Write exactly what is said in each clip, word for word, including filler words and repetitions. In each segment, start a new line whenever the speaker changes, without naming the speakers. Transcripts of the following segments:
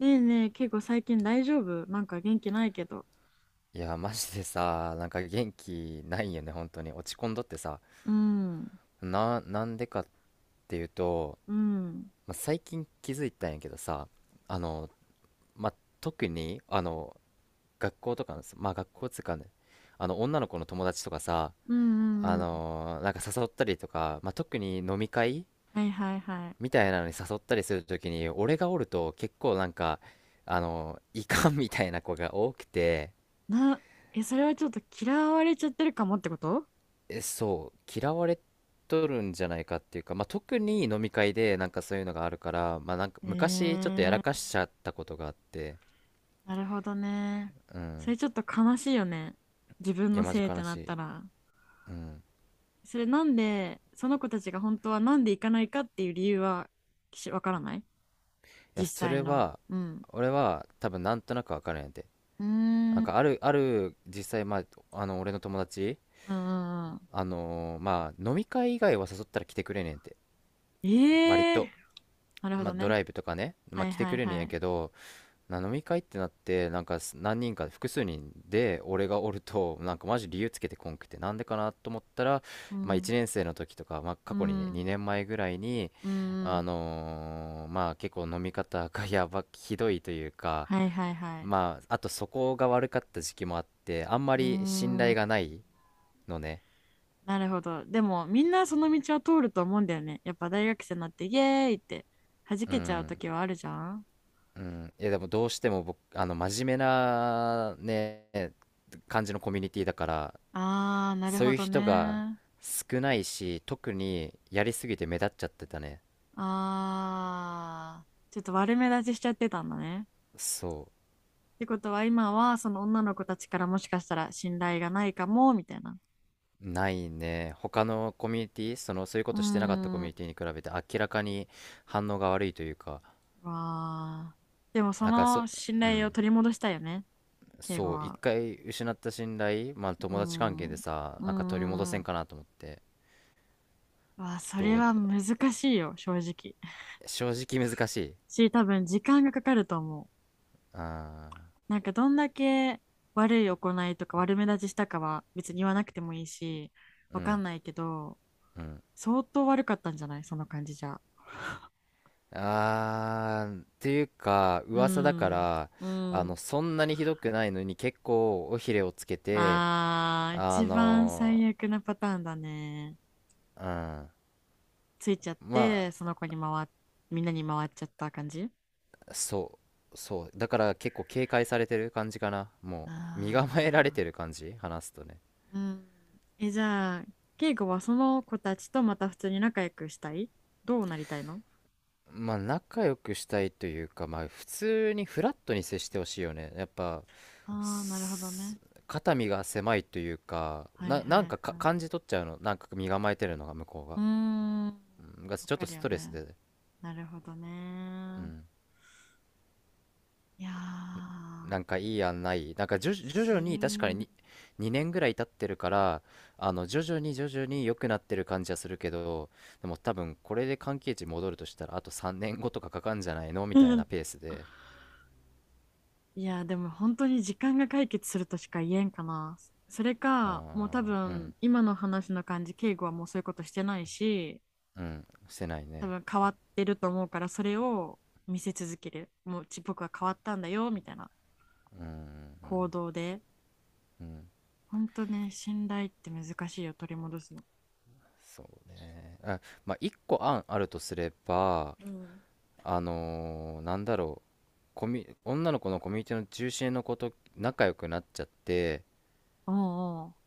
ねえねえ、結構最近大丈夫？なんか元気ないけど。
いや、マジでさ、なんか元気ないよね、本当に。落ち込んどってさ。
うん、うん、
な、なんでかっていうと、
うん、
まあ、最近気づいたんやけどさ、あの、まあ、特に、あの、学校とかの、まあ、学校つうかね、あの、女の子の友達とかさ、
う
あ
ん、うん。
のなんか誘ったりとか、まあ、特に飲み会
はいはいはい。
みたいなのに誘ったりするときに、俺がおると結構なんか、あの、いかんみたいな子が多くて、
な、え、それはちょっと嫌われちゃってるかもってこと？
え、そう、嫌われとるんじゃないかっていうか、まあ、特に飲み会でなんかそういうのがあるから、まあ、なんか
え
昔ちょっとやら
ー、
かしちゃったことがあって、
なるほどね。
う
そ
ん。
れちょっと悲しいよね。自分
いや、
の
マジ
せいっ
悲
てな
し
った
い。
ら。
うん。
それなんで、その子たちが本当はなんで行かないかっていう理由は、し、わからない、
いや、
実
そ
際
れ
の。
は、
うん。
俺は多分なんとなくわかるんやて。
うー
な
ん、
ん
う
かあ
ん、
る、ある、実際、まあ、あの、俺の友達、
うんうん。
あのーまあ、飲み会以外は誘ったら来てくれねんて。割
ええー、
と、
なるほ
まあ、
ど
ド
ね。
ライブとかね、ま
は
あ、
い
来て
は
く
い
れねん
は
や
い。
けど、な飲み会ってなってなんかす何人か複数人で俺がおるとなんかマジ理由つけてこんくて、なんでかなと思ったら、
う
まあ、
ん
いちねんせい生の時とか、まあ、過
う
去にね
ん、
にねんまえぐらいに、
う
あ
ん、
のーまあ結構飲み方が やばひどいというか、
はいはいはい。
まああとそこが悪かった時期もあって、あんま
うー
り信
ん、
頼がないのね。
なるほど。でも、みんなその道を通ると思うんだよね。やっぱ大学生になって、イエーイって弾
う
けちゃう
ん、
時はあるじゃん。
うん。いや、でもどうしても僕あの真面目なね感じのコミュニティだから、
あー、なる
そう
ほ
いう
ど
人が
ね。
少ないし、特にやりすぎて目立っちゃってたね。
あー、ちょっと悪目立ちしちゃってたんだね。
そ
ってことは、今はその女の子たちからもしかしたら信頼がないかも、みたいな。
う。ないね。他のコミュニティ、その、そういうこ
うー
としてなかったコミュ
ん、
ニティに比べて明らかに反応が悪いというか、
わー。でも、そ
なんかそ、
の信
う
頼を
ん。
取り戻したいよね、敬語
そう、一
は。
回失った信頼、まあ
う
友達関係
ん。う
で
ん
さ、
う
なんか取り戻せ
んう
ん
ん。
かなと思って、
わあ、そ
ど
れ
う、
は難しいよ、正直。
正直難しい。
し、多分時間がかかると思う。
ああ、
なんかどんだけ悪い行いとか悪目立ちしたかは別に言わなくてもいいし、
う
わかん
ん、
ないけど、
うん。
相当悪かったんじゃない？その感じじゃ。
あー、っていうか、
う
噂だか
ん。
ら、
う
あの、
ん。
そんなにひどくないのに結構尾ひれをつけて、
あー、
あ
一番最
の
悪なパターンだね。ついちゃっ
うん。ま
て、その子に回っ、みんなに回っちゃった感じ？
あ、そう、そう。だから結構警戒されてる感じかな。
あ
もう、身構えられ
ー
てる感じ、話すとね。
うん。え、じゃあ、敬語はその子たちとまた普通に仲良くしたい？どうなりたいの？
まあ、仲良くしたいというか、まあ、普通にフラットに接してほしいよね。やっぱ、
ああー、なるほど
す
ね。
肩身が狭いというか、
はい
な、な
は
ん
い
か、か
はい。
感じ取っちゃうの。なんか身構えてるのが、向こう
う
が。
ーん。わ
うんがちょっ
か
と
る
ス
よ
トレス
ね。
で、
なるほど
う
ね。
ん、
いや
な
ー、
んかいい案ない、なんか徐々徐
す
々に、確かに
ー
ににねんぐらい経ってるから、あの徐々に徐々に良くなってる感じはするけど、でも多分これで関係値戻るとしたら、あとさんねんごとかかかんじゃないのみたいな ペースで。
いやー、でも本当に時間が解決するとしか言えんかな。それか、もう多
あー、う
分、
ん、
今の話の感じ、敬語はもうそういうことしてないし、
うん、してない
多
ね。
分変わってると思うから、それを見せ続ける。もううち僕は変わったんだよみたいな、
うんう
行
ん
動で。
うん。
本当ね、信頼って難しいよ、取り戻すの。
そうね。あまあ、いっこ案あるとすれば、
うん。
あのーなんだろう、コミュ女の子のコミュニティの中心の子と仲良くなっちゃって、
おうお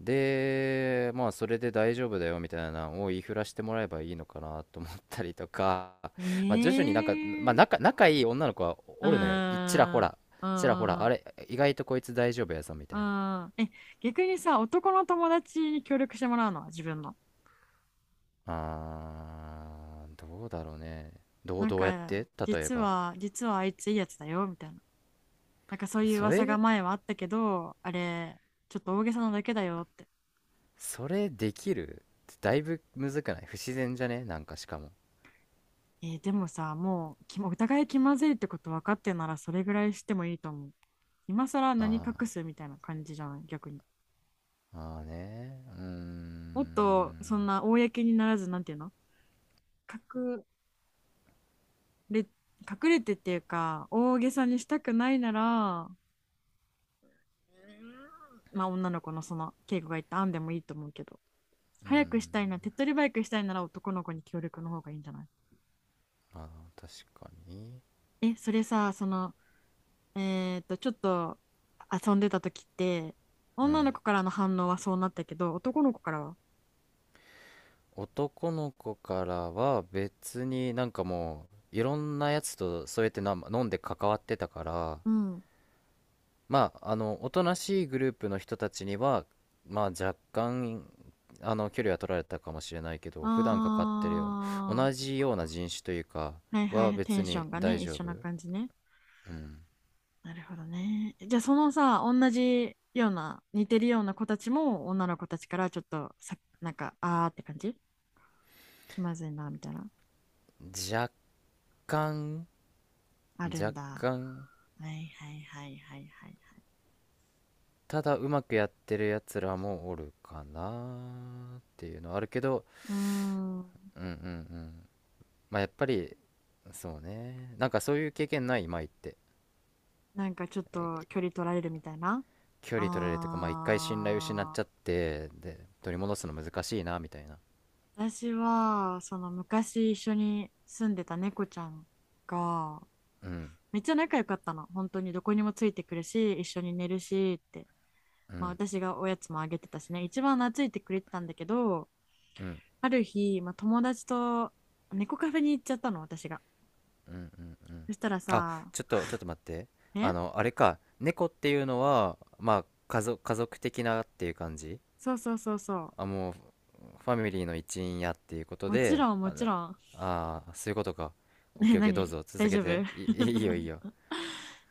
で、まあ、それで大丈夫だよみたいなのを言いふらしてもらえばいいのかなと思ったりとか、
う、え
まあ、徐々になんか、まあ、
え
仲、
ー、
仲いい女の子は
うー
おるのよ。いちらほ
ん、
ら、
う
ちらほら、
んう
あ
ん
れ、意外とこいつ大丈夫やぞみ
う
たいな。
ん、うんえ、逆にさ、男の友達に協力してもらうのは？自分の、
あー、どうだろうね。どう、
なん
どうやっ
か、
て例え
実
ば。
は実はあいついいやつだよみたいな、なんかそういう
そ
噂が
れ、
前はあったけど、あれちょっと大げさなだけだよって。
それできる？だいぶむずくない？不自然じゃね、なんかしかも。
えーでもさ、もうき お互い気まずいってこと分かってなら、それぐらいしてもいいと思う。今更何
あ
隠すみたいな感じじゃない、逆に。
ー、まあーね。うー
もっとそん
ん。
な公にならず、なんていうの、隠れ、隠れてっていうか、大げさにしたくないなら、まあ女の子のその稽古が言った案でもいいと思うけど、
うー
早く
ん。
したいな、手っ取り早くしたいなら男の子に協力の方がいいんじゃない？
まあー、確かに。
え、それさ、その、えっと、ちょっと遊んでた時って、
う
女
ん。
の子からの反応はそうなったけど、男の子からは、
男の子からは、別になんかもういろんなやつとそうやってな飲んで関わってたから、
うん。
まああのおとなしいグループの人たちには、まあ若干あの距離は取られたかもしれないけど、普段かかってるような、
あ
同じような人種というか
ー、はいは
は
い、テ
別
ンショ
に
ンが
大
ね、一
丈
緒
夫。
な感じね。
うん。
なるほどね。じゃあ、そのさ、同じような、似てるような子たちも、女の子たちからちょっとさ、なんか、あーって感じ、気まずいな、みたいな。
若干
ある
若
んだ。は
干
いはいはいはいはいはい。
ただうまくやってるやつらもおるかなっていうのはあるけど。
うーん、
うんうんうん。まあやっぱり、そうね、なんかそういう経験ない舞って、
なんかちょっと距離取られるみたいな。
距離取られるというか、まあ一回信頼失っ
あ、
ちゃって、で取り戻すの難しいなみたいな。
私は、その昔一緒に住んでた猫ちゃんが、
うん
めっちゃ仲良かったの。本当にどこにもついてくるし、一緒に寝るしって。
う
まあ
ん
私がおやつもあげてたしね、一番懐いてくれてたんだけど、
うん
ある日、まあ、友達と猫カフェに行っちゃったの、私が。
うんうんうん。
そしたら
あ
さ、
ちょっとちょっと待って、あ
ね、
のあれか、猫っていうのはまあ家族、家族的なっていう感じ？
そうそうそうそ
あもうファミリーの一員やっていうこと
う。もち
で、
ろん、も
あ
ちろ
だ
ん。
あー、そういうことか。 オッ
ね、
ケーオッケー、どう
何、
ぞ続
大
け
丈夫？
て、い、いいよ、いいよ。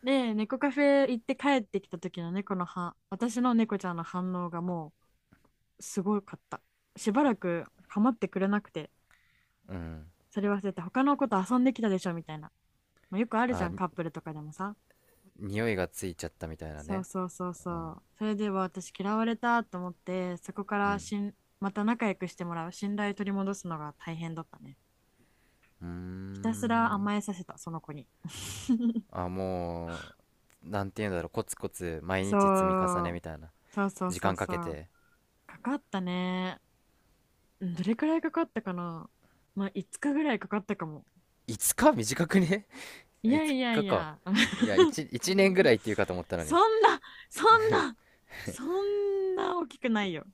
で、猫カフェ行って帰ってきた時の猫の反私の猫ちゃんの反応がもう、すごかった。しばらく構ってくれなくて、
うん。
それ忘れて他の子と遊んできたでしょみたいな。まあ、よくあるじゃ
あ
ん、
に、
カップルとかでもさ。
匂いがついちゃったみたいな
そう
ね。
そうそう
うん
そう。それでは私嫌われたと思って、そこか
う
ら
ん
しん、また仲良くしてもらう、信頼取り戻すのが大変だったね。
うー
ひたすら
ん。
甘えさせた、その子に。
あもうなんていうんだろう、コツコツ毎日積み重ね
そう、
みたいな、
そうそう
時
そう
間か
そ
け
う。
て。
かかったね。うん、どれくらいかかったかな。まあ、いつかぐらいかかったかも。
いつか短くね？
い
い
や
つ
いや
か
い
か
や、
いや、 いち,
う
一年ぐ
ん、
らいっていうかと思ったの
そ
に。
んな、そんな、そんな大きくないよ。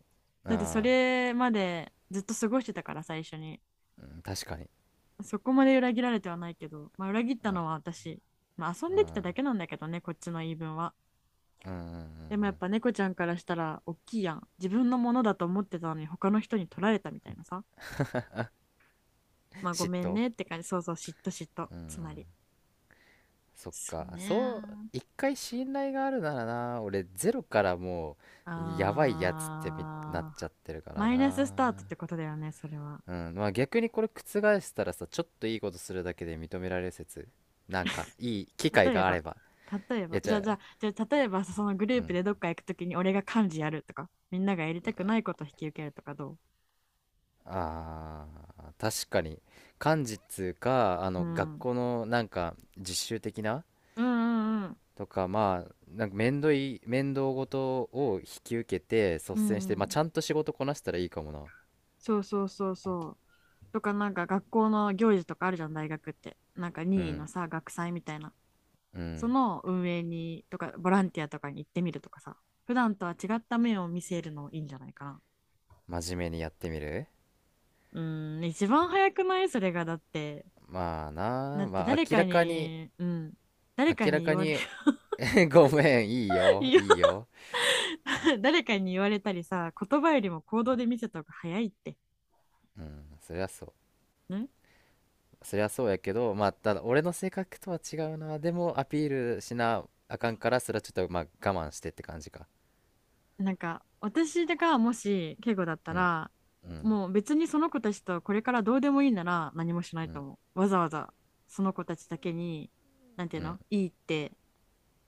だってそ
あ
れまでずっと過ごしてたから、最初に。
あ、うん、確かに。
そこまで裏切られてはないけど、まあ、裏切ったのは
あ
私。まあ、遊んできた
あ
だけなんだけどね、こっちの言い分は。
あ、うんうんうんう
でもやっ
ん、
ぱ猫ちゃんからしたら大きいやん。自分のものだと思ってたのに他の人に取られたみたいなさ。まあご
嫉
めん
妬、
ねって感じ。そうそう、嫉妬嫉妬。
う
つま
ん。
り。
そっ
そう
かそう。
ね。
一回信頼があるならな、俺ゼロからもう、やばいやつってみなっ
あ
ち
ー。
ゃってるから
マイナスス
な。
タートってことだよね、それは。
うん、まあ逆にこれ覆したらさ、ちょっといいことするだけで認められる説。なんか、いい機会
例え
があ
ば、
れば。
例え
いや、
ば、
じ
じゃあ、
ゃ
じ
あ、
ゃあ、じゃあ例えば、そのグル
う
ープ
ん。
でどっか行くときに俺が幹事やるとか、みんながやりたくないことを引き受けるとかど？
あー、確かに。漢字っつうか、あ
うう
の、学
ん。
校のなんか、実習的な
うんうんうん。
とか、まあ、なんか面倒い、面倒ごとを引き受けて、率
うん
先して、
う
まあ
ん。
ちゃんと仕事こなしたらいいかもな。
そうそうそうそう。とか、なんか学校の行事とかあるじゃん、大学って。なんか
う
任意の
ん、
さ、学祭みたいな。
う
そ
ん。
の運営に、とか、ボランティアとかに行ってみるとかさ。普段とは違った面を見せるのいいんじゃないかな。
真面目にやってみる。
うん、一番早くないそれが、だって。
まあ
だ
な、
って
まあ
誰
明
か
らかに、
に、うん、誰か
明ら
に言
か
われ、
に ごめん、いいよ、
言
いいよ。
誰かに言われたりさ、言葉よりも行動で見せた方が早いって。
うん、そりゃそう、
ね、
そりゃそうやけど、まあただ俺の性格とは違うな、でもアピールしなあかんから、それはちょっとまあ我慢してって感じか。
なんか、私がもし、敬語だった
うん
ら、
うん
もう別にその子たちとこれからどうでもいいなら何もしな
う
いと
ん
思う。わざわざ、その子たちだけに、なんてい
う
う
ん
のいいって、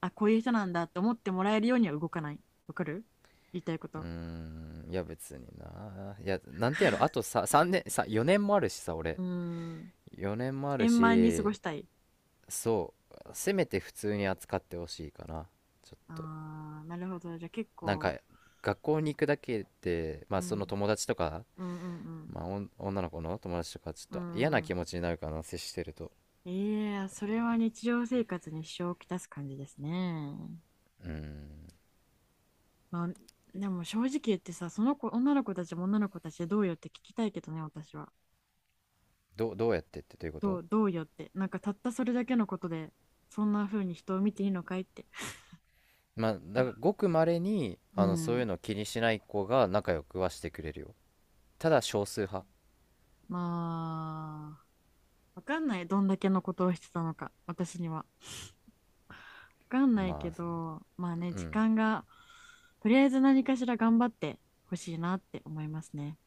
あ、こういう人なんだって思ってもらえるようには動かない。わかる？言いたいこ
うー
と。
ん、いや別にないやなんてやろ、あとささんねんさよねんもあるしさ、俺
うーん。
よねんもある
円満に過
し、
ごしたい。
そう、せめて普通に扱ってほしいかな。ちょっと
あー、なるほど。じゃあ結
なん
構、
か、学校に行くだけで、ま
う
あそ
ん、
の友達とか、
うんうんうん。
まあ、おん女の子の友達とかち
うん
ょっと
う
嫌な
んうん、
気持ちになるかな、接してると。
いやー、それは日常生活に支障をきたす感じですね。
うん。
まあ、でも正直言ってさ、その子、女の子たちも女の子たちでどうよって聞きたいけどね、私は。
どう、どうやってってというこ
ど
と？
う、どうよって。なんかたったそれだけのことで、そんな風に人を見ていいのかいって。
まあ、だからごくまれに
う
あのそういう
ん。
の気にしない子が仲良くはしてくれるよ。ただ少数派。
まあ、わかんない。どんだけのことをしてたのか、私には。わかんないけ
まあ、
ど、まあね、
う
時
ん。
間が、とりあえず何かしら頑張ってほしいなって思いますね。